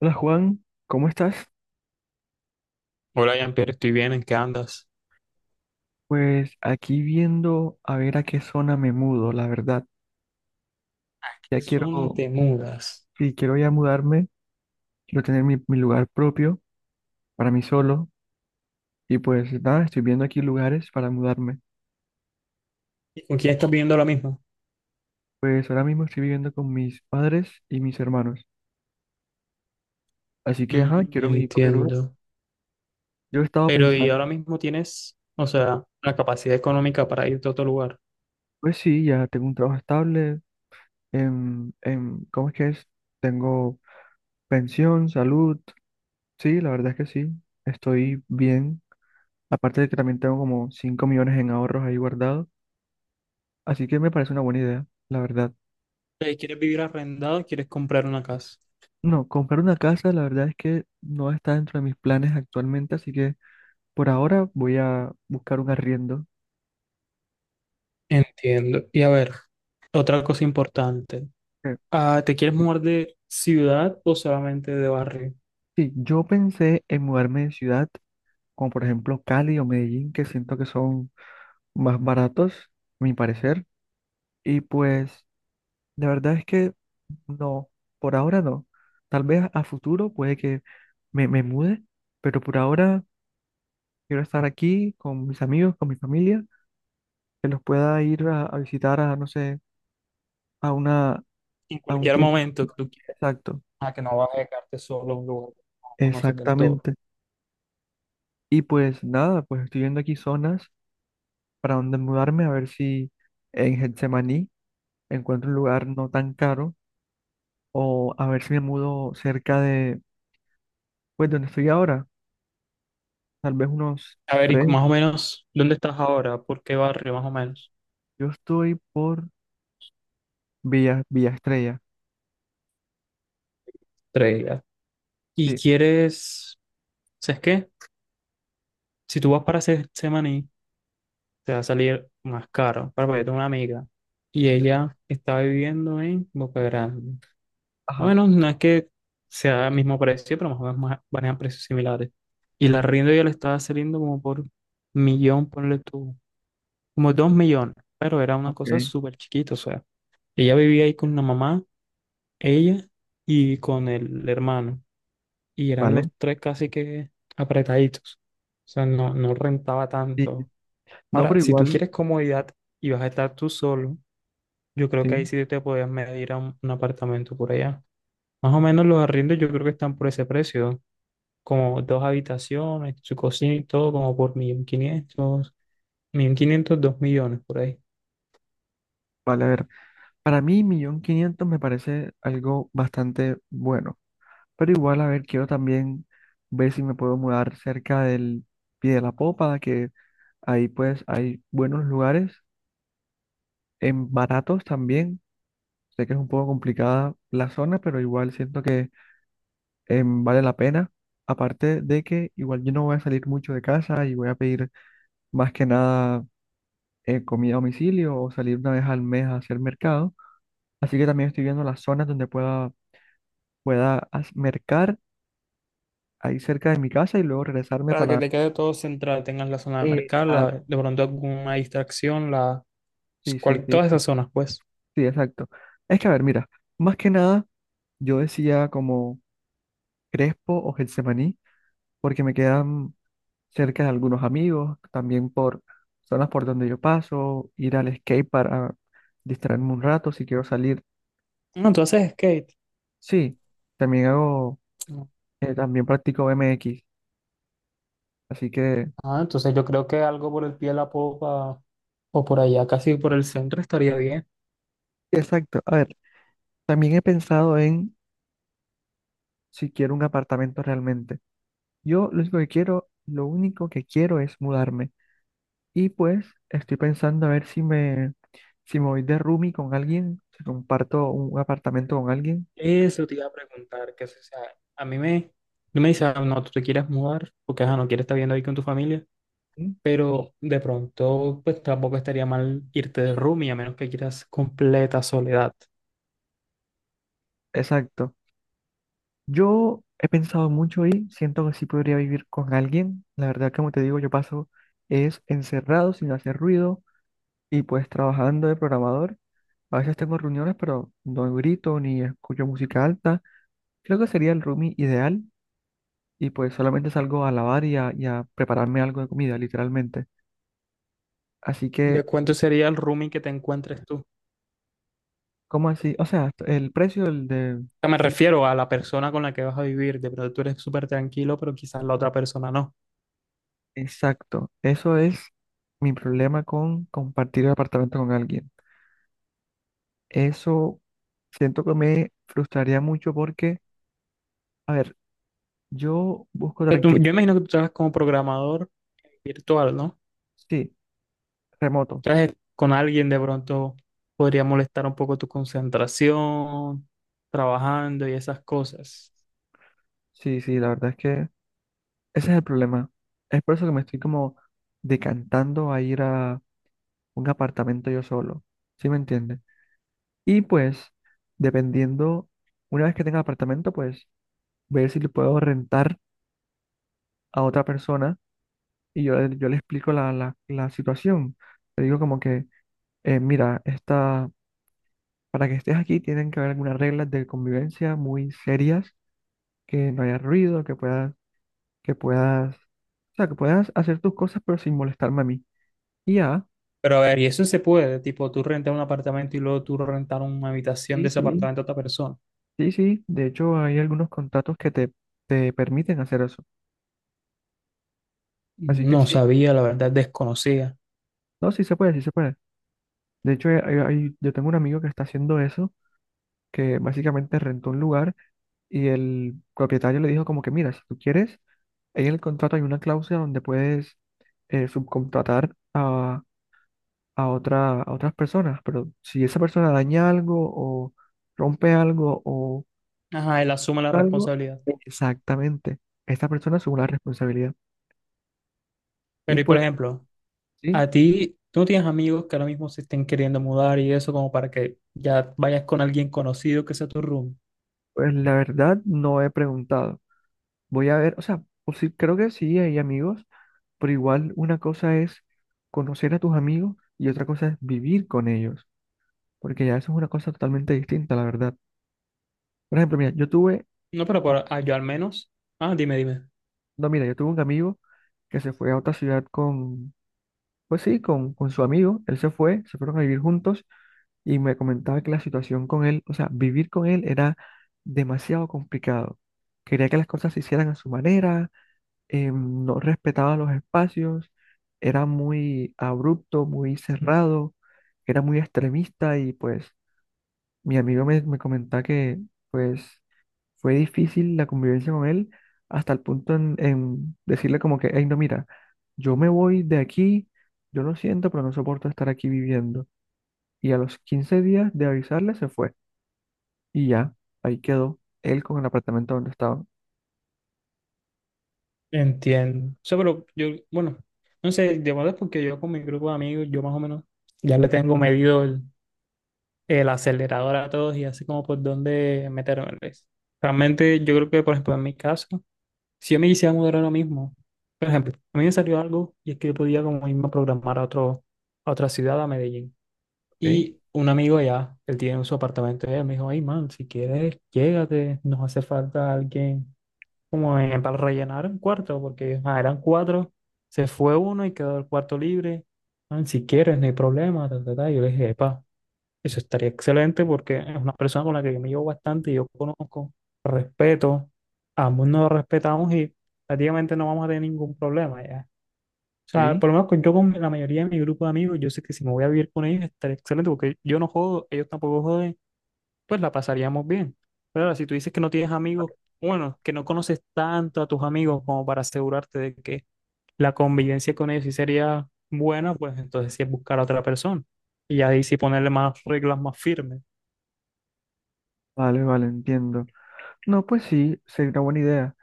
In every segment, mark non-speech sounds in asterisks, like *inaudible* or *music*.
Hola Juan, ¿cómo estás? Hola, Jean-Pierre, estoy bien, ¿en qué andas? Pues aquí viendo a ver a qué zona me mudo, la verdad. ¿A Ya qué zona quiero, te mudas? sí, quiero ya mudarme, quiero tener mi lugar propio para mí solo y pues nada, estoy viendo aquí lugares para mudarme. ¿Y con quién estás viviendo ahora mismo? Pues ahora mismo estoy viviendo con mis padres y mis hermanos, así que ajá, Mm, quiero mi propio lugar. entiendo. Yo estaba Pero ¿y pensando, ahora mismo tienes, o sea, la capacidad económica para irte a otro lugar? pues sí, ya tengo un trabajo estable, ¿cómo es que es? Tengo pensión, salud, sí, la verdad es que sí, estoy bien. Aparte de que también tengo como 5 millones en ahorros ahí guardados, así que me parece una buena idea, la verdad. ¿Quieres vivir arrendado o quieres comprar una casa? No, comprar una casa, la verdad es que no está dentro de mis planes actualmente, así que por ahora voy a buscar un arriendo. Entiendo. Y a ver, otra cosa importante. Eh, Ah, ¿te quieres mudar de ciudad o solamente de barrio? Sí, yo pensé en mudarme de ciudad, como por ejemplo Cali o Medellín, que siento que son más baratos, a mi parecer, y pues la verdad es que no, por ahora no. Tal vez a futuro puede que me mude, pero por ahora quiero estar aquí con mis amigos, con mi familia, que los pueda ir a visitar a, no sé, a una, En a un cualquier tiempo. momento que tú quieras, Exacto, ah, que no vas a dejarte solo en un lugar que no conoces del todo. exactamente. Y pues nada, pues estoy viendo aquí zonas para donde mudarme, a ver si en Getsemaní encuentro un lugar no tan caro, o a ver si me mudo cerca de, pues donde estoy ahora, tal vez unos A ver, y tres. más o menos, ¿dónde estás ahora? ¿Por qué barrio, más o menos? Yo estoy por Villa Estrella. Tres días. Y Sí, quieres, ¿sabes qué? Si tú vas para Se- Semaní, te va a salir más caro. Para porque yo tengo una amiga y sí, ella está viviendo en Boca Grande. A ajá, menos no es que sea el mismo precio, pero más o menos más- manejan precios similares. Y la arriendo ya le estaba saliendo como por millón, ponle tú, como 2.000.000. Pero era una ok, cosa súper chiquita, o sea, ella vivía ahí con la mamá, ella y con el hermano, y eran vale. los tres casi que apretaditos. O sea, no, no rentaba Sí, tanto. no, Ahora, pero si tú igual, quieres comodidad y vas a estar tú solo, yo creo que ahí sí, sí te podías medir a un apartamento por allá. Más o menos los arriendos yo creo que están por ese precio, como dos habitaciones, su cocina y todo, como por 1.500, quinientos dos millones por ahí. vale, a ver. Para mí, 1.500.000 me parece algo bastante bueno. Pero igual, a ver, quiero también ver si me puedo mudar cerca del Pie de la Popa, que ahí pues hay buenos lugares, en baratos también. Sé que es un poco complicada la zona, pero igual siento que vale la pena. Aparte de que igual yo no voy a salir mucho de casa y voy a pedir más que nada comida a domicilio o salir 1 vez al mes a hacer mercado. Así que también estoy viendo las zonas donde pueda mercar ahí cerca de mi casa y luego regresarme Para que para... te quede todo central, tengas la zona de mercado, la- Exacto, de pronto alguna distracción, la, sí, sí, cual- sí, todas esas zonas, pues. sí, exacto. Es que, a ver, mira, más que nada yo decía como Crespo o Getsemaní, porque me quedan cerca de algunos amigos, también por zonas por donde yo paso, ir al skate para distraerme un rato si quiero salir. No, tú haces skate. Sí, también hago, también practico BMX, así que, Ah, entonces yo creo que algo por el pie de la popa o por allá, casi por el centro, estaría bien. exacto. A ver, también he pensado en si quiero un apartamento realmente. Yo lo único que quiero, lo único que quiero es mudarme. Y pues estoy pensando a ver si si me voy de roomie con alguien, si comparto un apartamento con alguien. Eso te iba a preguntar, que si, o sea, a mí me, no me dice, "Ah, no, tú te quieres mudar, porque ajá, no quieres estar viviendo ahí con tu familia, ¿Sí? pero de pronto, pues tampoco estaría mal irte de roomie, a menos que quieras completa soledad." Exacto. Yo he pensado mucho y siento que sí podría vivir con alguien. La verdad, como te digo, yo paso es encerrado, sin hacer ruido y pues trabajando de programador. A veces tengo reuniones, pero no grito ni escucho música alta. Creo que sería el roomie ideal. Y pues solamente salgo a lavar y a prepararme algo de comida, literalmente. Así que, ¿De cuánto sería el roomie que te encuentres tú? O ¿cómo así? O sea, el precio del de... sea, me refiero a la persona con la que vas a vivir, de pronto tú eres súper tranquilo, pero quizás la otra persona no. Exacto, eso es mi problema con compartir el apartamento con alguien. Eso siento que me frustraría mucho porque, a ver, yo busco O sea, tú- tranquilidad. yo imagino que tú trabajas como programador virtual, ¿no? Sí, remoto. Entonces, con alguien de pronto podría molestar un poco tu concentración, trabajando y esas cosas. Sí, sí, la verdad es que ese es el problema. Es por eso que me estoy como decantando a ir a un apartamento yo solo. ¿Sí me entiendes? Y pues, dependiendo, una vez que tenga apartamento, pues ver si le puedo rentar a otra persona y yo, yo le explico la situación. Le digo como que, mira, esta, para que estés aquí tienen que haber algunas reglas de convivencia muy serias, que no haya ruido, que puedas, o sea, que puedas hacer tus cosas pero sin molestarme a mí. Y ya, Pero a ver, y eso se puede, tipo tú rentar un apartamento y luego tú rentar una habitación sí, de ese sí, apartamento a otra persona. sí, sí, de hecho hay algunos contratos que te permiten hacer eso. Así que No sí, sabía, la verdad, desconocía. no, sí se puede, sí se puede. De hecho, yo tengo un amigo que está haciendo eso, que básicamente rentó un lugar y el propietario le dijo como que, mira, si tú quieres, ahí en el contrato hay una cláusula donde puedes subcontratar a otra, a otras personas, pero si esa persona daña algo o rompe algo o Ajá, él asume la algo, responsabilidad. exactamente, esta persona asume la responsabilidad. Y Pero y por pues, ejemplo, sí, a ti, tú no tienes amigos que ahora mismo se estén queriendo mudar y eso como para que ya vayas con alguien conocido que sea tu room. pues la verdad no he preguntado. Voy a ver, o sea, pues sí, creo que sí hay amigos. Pero igual una cosa es conocer a tus amigos y otra cosa es vivir con ellos, porque ya eso es una cosa totalmente distinta, la verdad. Por ejemplo, mira, No, pero por- ah, yo al menos. Ah, dime, dime. no, mira, yo tuve un amigo que se fue a otra ciudad con, pues sí, con su amigo, se fueron a vivir juntos y me comentaba que la situación con él, o sea, vivir con él era demasiado complicado. Quería que las cosas se hicieran a su manera, no respetaba los espacios, era muy abrupto, muy cerrado, era muy extremista y pues mi amigo me comentaba que pues fue difícil la convivencia con él hasta el punto en decirle como que, hey, no, mira, yo me voy de aquí, yo lo siento, pero no soporto estar aquí viviendo. Y a los 15 días de avisarle se fue y ya, ahí quedó él con el apartamento donde estaba. Entiendo. O sea, pero yo, bueno, no sé, de verdad es porque yo con mi grupo de amigos, yo más o menos ya le tengo medido el acelerador a todos y así como por dónde meterme. Realmente yo creo que, por ejemplo, en mi caso, si yo me quisiera mudar ahora mismo, por ejemplo, a mí me salió algo y es que yo podía como irme a programar a otro, a otra ciudad, a Medellín. ¿Ok? Y un amigo allá, él tiene su apartamento, y él me dijo, ay, man, si quieres, llégate, nos hace falta alguien como en- para rellenar un cuarto, porque ah, eran 4, se fue uno y quedó el cuarto libre. Ah, si quieres, no hay problema, ta, ta, ta. Yo le dije, epa, eso estaría excelente porque es una persona con la que yo me llevo bastante y yo conozco, respeto, ambos nos respetamos y prácticamente no vamos a tener ningún problema ya. O sea, ¿Ok? por lo menos con- yo con la mayoría de mi grupo de amigos, yo sé que si me voy a vivir con ellos estaría excelente porque yo no jodo, ellos tampoco joden, pues la pasaríamos bien. Pero ahora, si tú dices que no tienes amigos, bueno, que no conoces tanto a tus amigos como para asegurarte de que la convivencia con ellos sí sería buena, pues entonces sí es buscar a otra persona. Y ahí sí ponerle más reglas más firmes. Vale, vale, entiendo. No, pues sí, sería una buena idea.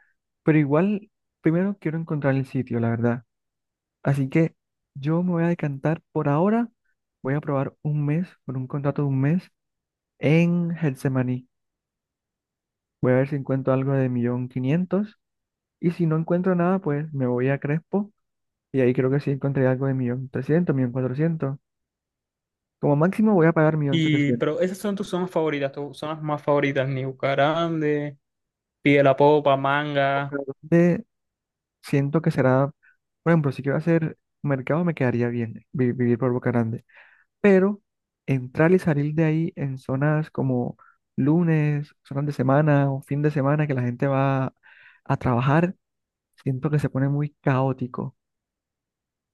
Pero igual, primero quiero encontrar el sitio, la verdad. Así que yo me voy a decantar por ahora. Voy a probar 1 mes, por un contrato de 1 mes, en Getsemaní. Voy a ver si encuentro algo de 1.500.000. Y si no encuentro nada, pues me voy a Crespo. Y ahí creo que sí encontré algo de 1.300.000, 1.400.000. Como máximo voy a pagar millón Y, setecientos. pero esas son tus zonas favoritas, tus zonas más favoritas, New Grande, Pie de la Popa, Manga. Pero ¿dónde siento que será, por ejemplo, si quiero hacer mercado, me quedaría bien vivir por Boca Grande. Pero entrar y salir de ahí en zonas como lunes, zonas de semana o fin de semana que la gente va a trabajar, siento que se pone muy caótico.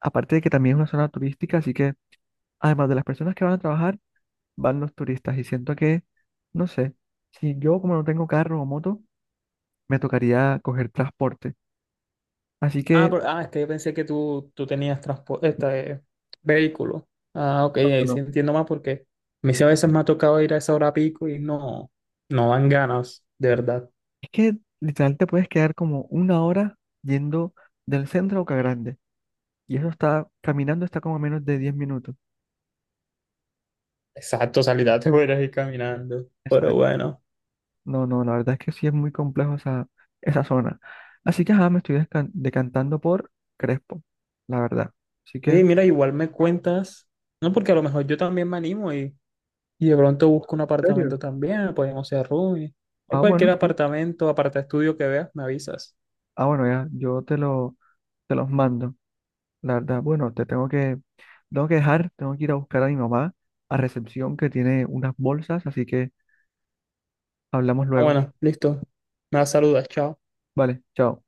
Aparte de que también es una zona turística, así que además de las personas que van a trabajar, van los turistas y siento que, no sé, si yo como no tengo carro o moto, me tocaría coger transporte. Así Ah, que, por- ah, es que yo pensé que tú tenías transporte, este, vehículo. Ah, ok, no, no, ahí no, sí entiendo más porque a mí sí a veces me ha tocado ir a esa hora pico y no, no dan ganas, de verdad. es que literal te puedes quedar como 1 hora yendo del centro a Boca Grande. Y eso está, caminando está como a menos de 10 minutos. Exacto, salida te *laughs* voy a ir caminando. Pero Exacto. bueno. No, no, la verdad es que sí es muy complejo esa, esa zona. Así que, ajá, me estoy decantando por Crespo, la verdad. Así que, Oye, ¿en mira, igual me cuentas, no, porque a lo mejor yo también me animo y de pronto busco un serio? apartamento también, podemos ser roomie, o Ah, bueno, cualquier sí. apartamento, aparta estudio que veas, me avisas. Ah, bueno, ya, te los mando, la verdad. Bueno, tengo que dejar, tengo que ir a buscar a mi mamá a recepción que tiene unas bolsas, así que hablamos Ah, luego. bueno, listo. Me saludas, chao. Vale, chao.